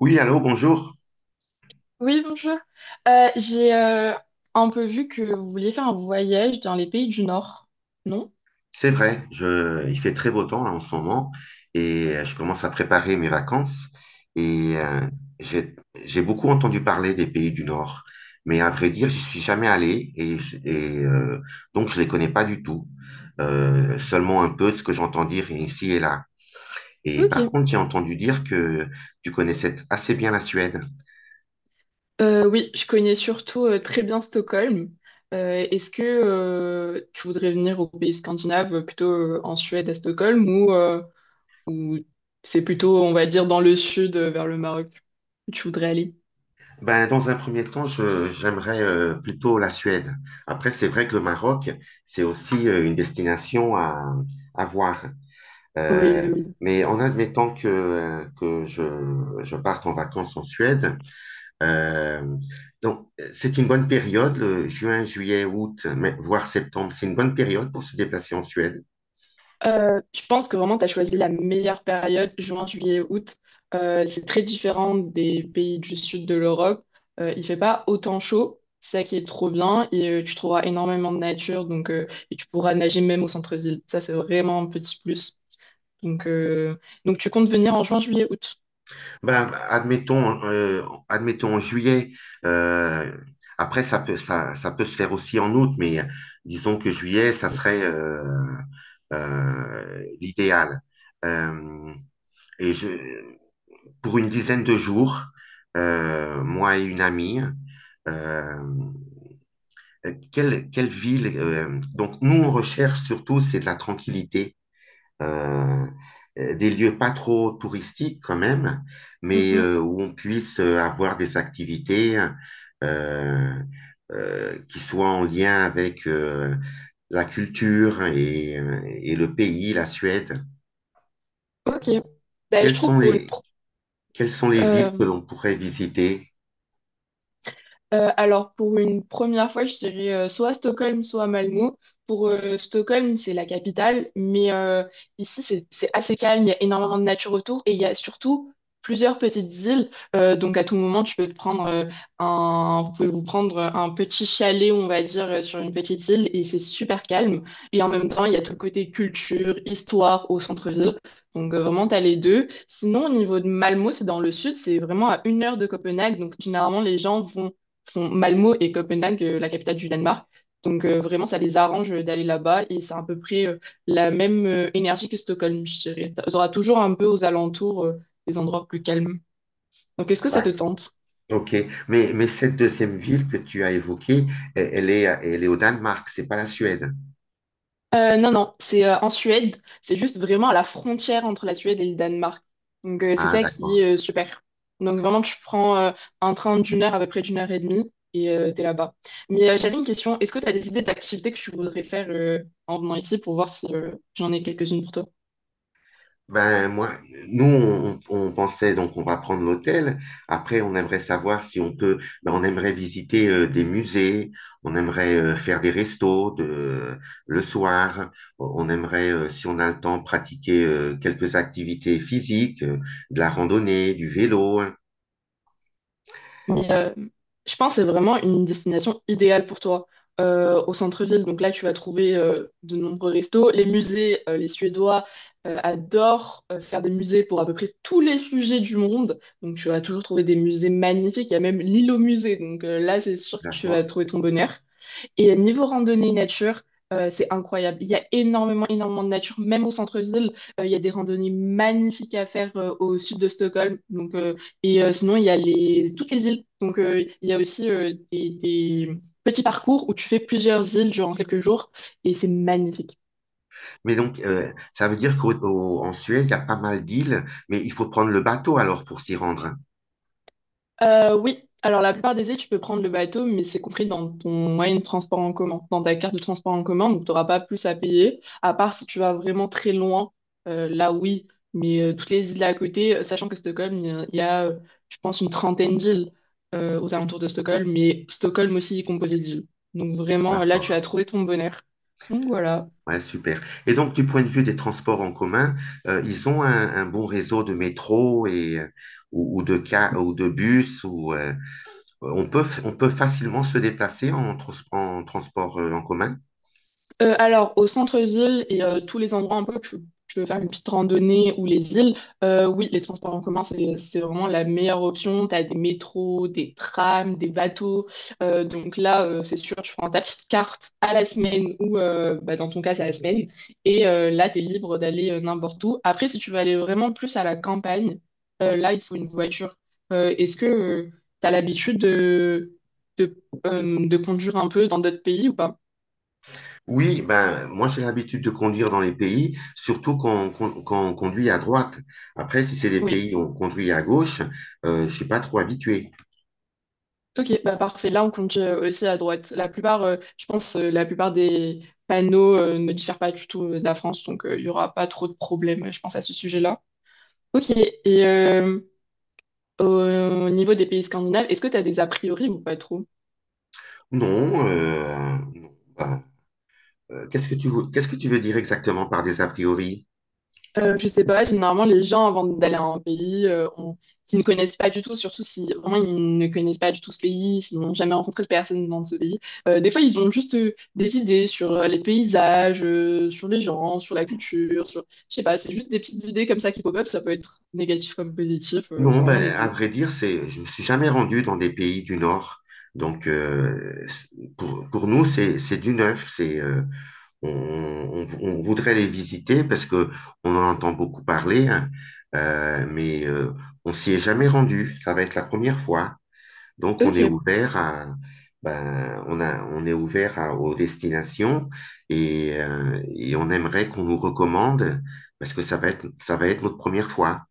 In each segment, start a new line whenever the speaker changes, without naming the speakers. Oui, allô, bonjour.
Oui, bonjour. J'ai un peu vu que vous vouliez faire un voyage dans les pays du Nord, non?
C'est vrai, il fait très beau temps là, en ce moment et je commence à préparer mes vacances et j'ai, j'ai beaucoup entendu parler des pays du Nord, mais à vrai dire, j'y suis jamais allé et, donc je les connais pas du tout. Seulement un peu de ce que j'entends dire ici et là. Et par
Ok.
contre, j'ai entendu dire que tu connaissais assez bien la Suède.
Oui, je connais surtout très bien Stockholm. Est-ce que tu voudrais venir aux pays scandinaves, plutôt en Suède, à Stockholm, ou, ou c'est plutôt, on va dire, dans le sud, vers le Maroc, où tu voudrais aller?
Ben, dans un premier temps, j'aimerais plutôt la Suède. Après, c'est vrai que le Maroc, c'est aussi une destination à voir.
Oui,
Euh,
oui,
mais en admettant que, que je parte en vacances en Suède, euh, donc, c'est une bonne période, le juin, juillet, août, voire septembre, c'est une bonne période pour se déplacer en Suède.
je pense que vraiment, tu as choisi la meilleure période, juin, juillet, août. C'est très différent des pays du sud de l'Europe. Il fait pas autant chaud, c'est ça qui est trop bien. Et tu trouveras énormément de nature, donc, et tu pourras nager même au centre-ville. Ça, c'est vraiment un petit plus. Donc, euh, donc tu comptes venir en juin, juillet, août.
Ben, admettons en juillet. euh, Après, ça peut se faire aussi en août, mais disons que juillet, ça serait l'idéal. Euh, et pour une dizaine de jours, moi et une amie, euh, quelle ville donc nous, on recherche surtout, c'est de la tranquillité euh, des lieux pas trop touristiques quand même, mais
Mhm.
où on puisse avoir des activités euh, qui soient en lien avec la culture et le pays, la Suède.
Ok. Bah, je
Quelles
trouve
sont
pour une...
les, quelles sont les villes
euh,
que l'on pourrait visiter?
Alors, pour une première fois, je dirais soit à Stockholm, soit à Malmö. Pour Stockholm, c'est la capitale, mais ici, c'est assez calme, il y a énormément de nature autour et il y a surtout plusieurs petites îles. Donc, à tout moment, tu peux te prendre un, vous pouvez vous prendre un petit chalet, on va dire, sur une petite île et c'est super calme. Et en même temps, il y a tout le côté culture, histoire au centre-ville. Donc vraiment, t'as les deux. Sinon, au niveau de Malmö, c'est dans le sud, c'est vraiment à une heure de Copenhague. Donc généralement, les gens vont Font Malmo et Copenhague, la capitale du Danemark. Donc vraiment, ça les arrange d'aller là-bas et c'est à peu près la même énergie que Stockholm, je dirais. Tu auras toujours un peu aux alentours des endroits plus calmes. Donc est-ce que ça te
D'ac-
tente?
Ok, mais cette deuxième ville que tu as évoquée, elle est au Danemark, c'est pas la Suède.
Non, non, c'est en Suède, c'est juste vraiment à la frontière entre la Suède et le Danemark. Donc c'est
Ah,
ça qui
d'accord.
est super. Donc vraiment, tu prends un train d'une heure à peu près d'une heure et demie et t'es là-bas. Mais j'avais une question, est-ce que tu as des idées d'activités que tu voudrais faire en venant ici pour voir si j'en ai quelques-unes pour toi?
Ben, nous, on pensait donc on va prendre l'hôtel. Après, on aimerait savoir si on peut. Ben, on aimerait visiter des musées. On aimerait faire des restos le soir. On aimerait, si on a le temps, pratiquer quelques activités physiques, de la randonnée, du vélo, hein.
Mais je pense que c'est vraiment une destination idéale pour toi. Au centre-ville, donc là, tu vas trouver de nombreux restos. Les musées, les Suédois adorent faire des musées pour à peu près tous les sujets du monde. Donc tu vas toujours trouver des musées magnifiques. Il y a même l'île au musée. Donc là, c'est sûr que tu vas
D'accord.
trouver ton bonheur. Et niveau randonnée nature, c'est incroyable. Il y a énormément, énormément de nature, même au centre-ville. Il y a des randonnées magnifiques à faire au sud de Stockholm. Sinon, il y a toutes les îles. Donc, il y a aussi des petits parcours où tu fais plusieurs îles durant quelques jours et c'est magnifique.
Mais donc, ça veut dire qu'en Suède, il y a pas mal d'îles, mais il faut prendre le bateau alors pour s'y rendre, hein.
Oui, alors la plupart des îles, tu peux prendre le bateau, mais c'est compris dans ton moyen de transport en commun, dans ta carte de transport en commun, donc tu n'auras pas plus à payer, à part si tu vas vraiment très loin, là oui, mais toutes les îles à côté, sachant que Stockholm, je pense, une trentaine d'îles aux alentours de Stockholm, mais Stockholm aussi est composé d'îles. Donc vraiment, là, tu
D'accord.
as trouvé ton bonheur. Donc voilà.
Ouais, super. Et donc, du point de vue des transports en commun, ils ont un bon réseau de métro et, ou de bus, on peut facilement se déplacer en transport en commun.
Alors, au centre-ville et tous les endroits un peu tu veux faire une petite randonnée ou les îles, oui, les transports en commun, c'est vraiment la meilleure option. Tu as des métros, des trams, des bateaux. Donc là, c'est sûr, tu prends ta petite carte à la semaine ou bah, dans ton cas, c'est à la semaine. Et là, tu es libre d'aller n'importe où. Après, si tu veux aller vraiment plus à la campagne, là, il te faut une voiture. Est-ce que tu as l'habitude de conduire un peu dans d'autres pays ou pas?
Oui, ben, moi, j'ai l'habitude de conduire dans les pays, surtout quand on conduit à droite. Après, si c'est des pays où on conduit à gauche, je suis pas trop habitué.
Ok, bah parfait. Là, on compte aussi à droite. La plupart des panneaux ne diffèrent pas du tout de la France, donc il y n'y aura pas trop de problèmes, je pense, à ce sujet-là. Ok, et au niveau des pays scandinaves, est-ce que tu as des a priori ou pas trop?
Non, non, ben, qu'est-ce que tu veux dire exactement par des a priori?
Je sais pas, généralement les gens avant d'aller à un pays, s'ils ne connaissent pas du tout, surtout si vraiment ils ne connaissent pas du tout ce pays, s'ils n'ont jamais rencontré de personne dans ce pays, des fois ils ont juste des idées sur les paysages, sur les gens, sur la culture, sur... Je sais pas, c'est juste des petites idées comme ça qui pop-up, ça peut être négatif comme positif,
Non,
c'est vraiment les
ben, à
deux.
vrai dire, je ne me suis jamais rendu dans des pays du Nord. Donc, pour nous, c'est du neuf. On voudrait les visiter parce que on en entend beaucoup parler, hein. Mais on s'y est jamais rendu. Ça va être la première fois. Donc, on est
Ok.
ouvert à, ben, on a, on est ouvert à- aux destinations et on aimerait qu'on nous recommande parce que ça va être notre première fois.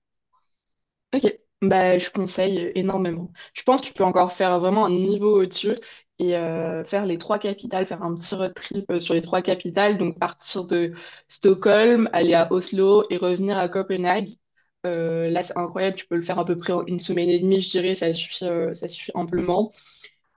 Ok, bah, je conseille énormément. Je pense que tu peux encore faire vraiment un niveau au-dessus et faire les trois capitales, faire un petit road trip sur les trois capitales, donc partir de Stockholm, aller à Oslo et revenir à Copenhague. Là, c'est incroyable, tu peux le faire à peu près en une semaine et demie, je dirais, ça suffit amplement.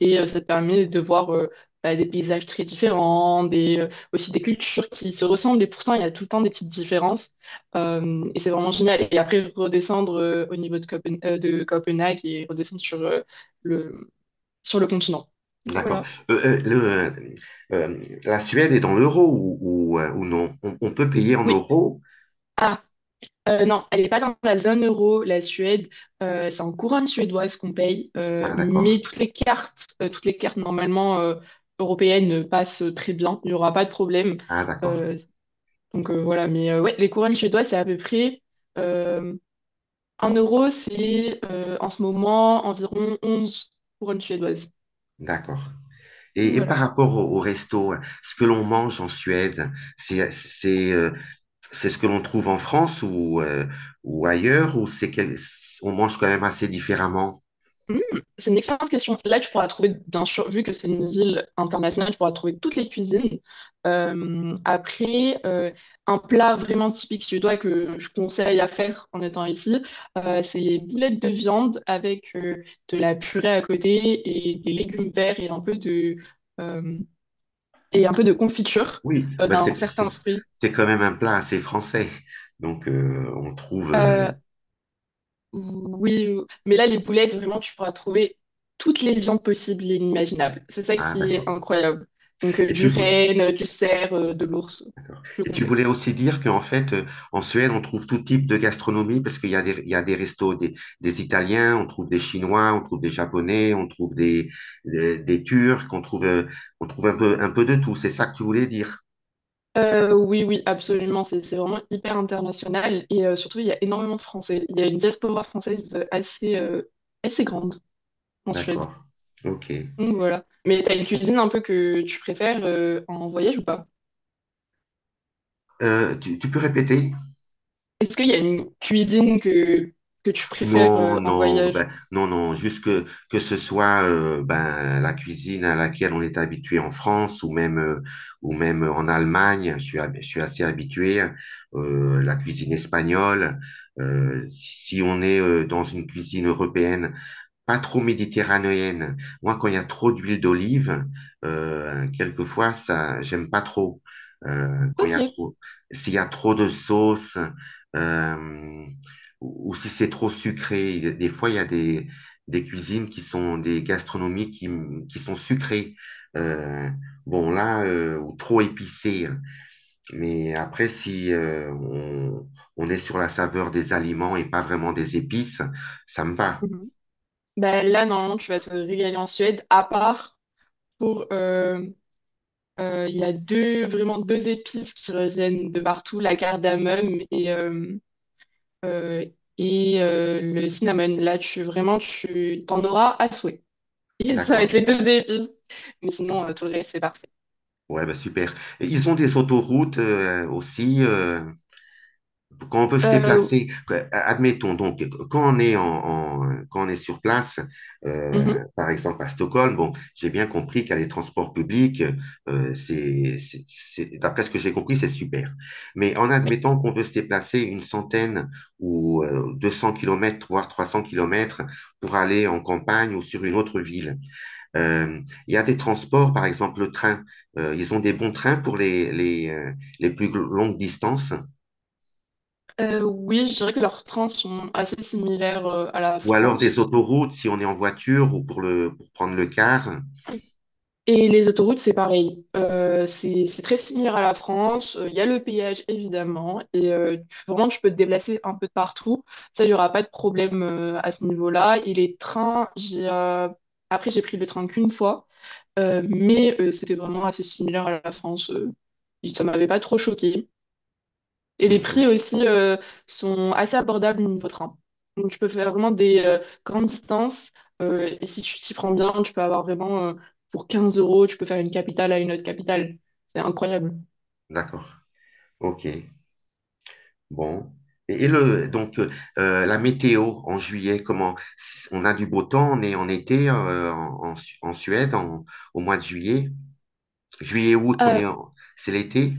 Et ça te permet de voir bah, des paysages très différents, aussi des cultures qui se ressemblent, et pourtant il y a tout le temps des petites différences. Et c'est vraiment génial. Et après, redescendre au niveau de, Copen- de Copenhague et redescendre le, sur le continent.
D'accord.
Voilà.
Euh, euh, le, euh, la Suède est dans l'euro ou non? On peut payer en
Oui.
euros?
Ah, non, elle n'est pas dans la zone euro, la Suède. C'est en couronne suédoise qu'on paye.
Ah, d'accord.
Mais toutes les cartes normalement européennes passent très bien. Il n'y aura pas de problème.
Ah, d'accord.
Euh, Donc voilà, mais ouais, les couronnes chez toi, c'est à peu près euh, 1 euro, c'est en ce moment environ 11 couronnes suédoises.
D'accord.
Donc,
Et
voilà.
par rapport au resto, hein, ce que l'on mange en Suède, c'est, c'est, euh, c'est ce que l'on trouve en France ou ailleurs, ou on mange quand même assez différemment?
Hmm, c'est une excellente question. Là, tu pourras trouver, bien sûr, vu que c'est une ville internationale, tu pourras trouver toutes les cuisines. Euh, après, euh, un plat vraiment typique suédois que je conseille à faire en étant ici, c'est les boulettes de viande avec de la purée à côté et des légumes verts et un peu euh, et un peu de confiture
Oui, ben
d'un
c'est, c'est,
certain fruit.
c'est quand même un plat assez français. Donc, on trouve.
Euh, oui, mais là, les boulettes, vraiment, tu pourras trouver toutes les viandes possibles et inimaginables. C'est ça
Ah,
qui est
d'accord.
incroyable. Donc,
Et
du
tu, vou-
renne, du cerf, de l'ours,
D'accord.
je
Et tu
conseille.
voulais aussi dire qu'en fait, en Suède, on trouve tout type de gastronomie parce qu'il y a des restos des, Italiens, on trouve des Chinois, on trouve des Japonais, on trouve des Turcs, on trouve un peu de tout. C'est ça que tu voulais dire.
Oui, oui, absolument. C'est vraiment hyper international. Et surtout, il y a énormément de Français. Il y a une diaspora française assez grande en Suède.
D'accord. OK.
Donc, voilà. Mais t'as une cuisine un peu que tu préfères en voyage ou pas?
Tu peux répéter?
Est-ce qu'il y a une cuisine que tu préfères
Non,
en
non,
voyage?
ben, non, non, juste que ce soit ben, la cuisine à laquelle on est habitué en France ou même en Allemagne, je suis assez habitué, la cuisine espagnole, si on est dans une cuisine européenne pas trop méditerranéenne. Moi, quand il y a trop d'huile d'olive, quelquefois, ça, j'aime pas trop. Quand il y
Ok.
a s'il y a trop de sauce, euh, ou si c'est trop sucré. Des fois, il y a des cuisines qui sont des gastronomies qui sont sucrées. Euh, bon, là, ou trop épicées. Mais après, si on est sur la saveur des aliments et pas vraiment des épices, ça me va.
Mhm. Bah, là, normalement, tu vas te régaler en Suède, à part pour... Il y a deux, vraiment deux épices qui reviennent de partout, la cardamome euh, et le cinnamon. Là, tu vraiment, tu t'en auras à souhait. Et ça va
D'accord.
être les deux épices. Mais sinon, tout le reste, c'est parfait.
Ouais, bah super. Et ils ont des autoroutes aussi quand on veut se
Euh,
déplacer. Admettons donc quand on est quand on est sur place,
mhm,
par exemple à Stockholm. Bon, j'ai bien compris qu'à les transports publics, euh, c'est, c'est- d'après ce que j'ai compris, c'est super. Mais en
oui.
admettant qu'on veut se déplacer une centaine ou 200 kilomètres, voire 300 kilomètres pour aller en campagne ou sur une autre ville. Euh, il y a des transports, par exemple le train. Ils ont des bons trains pour les plus longues distances,
Oui, je dirais que leurs trains sont assez similaires à la
ou alors des
France.
autoroutes si on est en voiture ou pour pour prendre le car.
Et les autoroutes, c'est pareil. C'est très similaire à la France. Il y a le péage, évidemment. Et tu- vraiment, tu peux te déplacer un peu de partout. Ça, il n'y aura pas de problème à ce niveau-là. Et les trains, après, j'ai pris le train qu'une fois. C'était vraiment assez similaire à la France. Ça m'avait pas trop choqué. Et les
Mhm.
prix aussi sont assez abordables niveau train. Donc tu peux faire vraiment des grandes distances. Et si tu t'y prends bien, tu peux avoir vraiment pour 15 euros, tu peux faire une capitale à une autre capitale. C'est incroyable.
D'accord. OK. Bon. Donc, la météo en juillet, comment? On a du beau temps, on est en été en Suède au mois de juillet. Juillet, août,
Euh,
c'est l'été?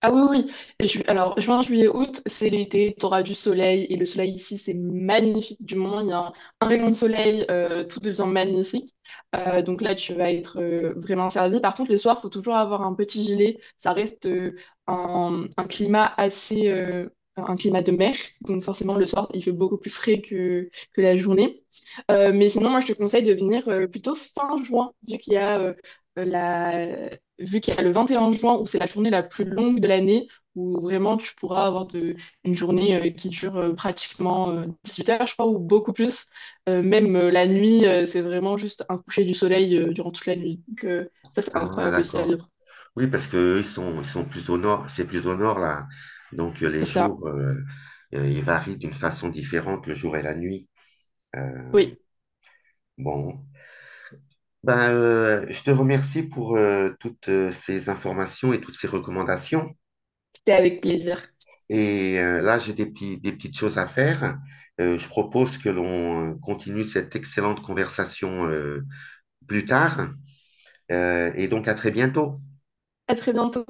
Ah oui, oui. Oui. Alors, juin, juillet, août, c'est l'été, tu auras du soleil. Et le soleil ici, c'est magnifique. Du moment où il y a un rayon de soleil, tout devient magnifique. Donc là, tu vas être vraiment servi. Par contre, les soirs, faut toujours avoir un petit gilet. Ça reste un climat assez... un climat de mer. Donc forcément, le soir, il fait beaucoup plus frais que la journée. Mais sinon, moi, je te conseille de venir plutôt fin juin, la, vu qu'il y a le 21 juin où c'est la journée la plus longue de l'année, où vraiment tu pourras avoir de, une journée qui dure pratiquement 18 heures, je crois, ou beaucoup plus. Même La nuit, c'est vraiment juste un coucher du soleil durant toute la nuit. Donc, ça, c'est
Ah,
incroyable aussi à
d'accord.
vivre.
Oui, parce que eux, ils sont plus au nord, c'est plus au nord là. Donc les
C'est ça.
jours, ils varient d'une façon différente le jour et la nuit. Euh,
Oui,
bon, ben, je te remercie pour toutes ces informations et toutes ces recommandations.
c'était avec plaisir.
Et là, j'ai des petites choses à faire. Je propose que l'on continue cette excellente conversation plus tard. Et donc à très bientôt.
À très bientôt.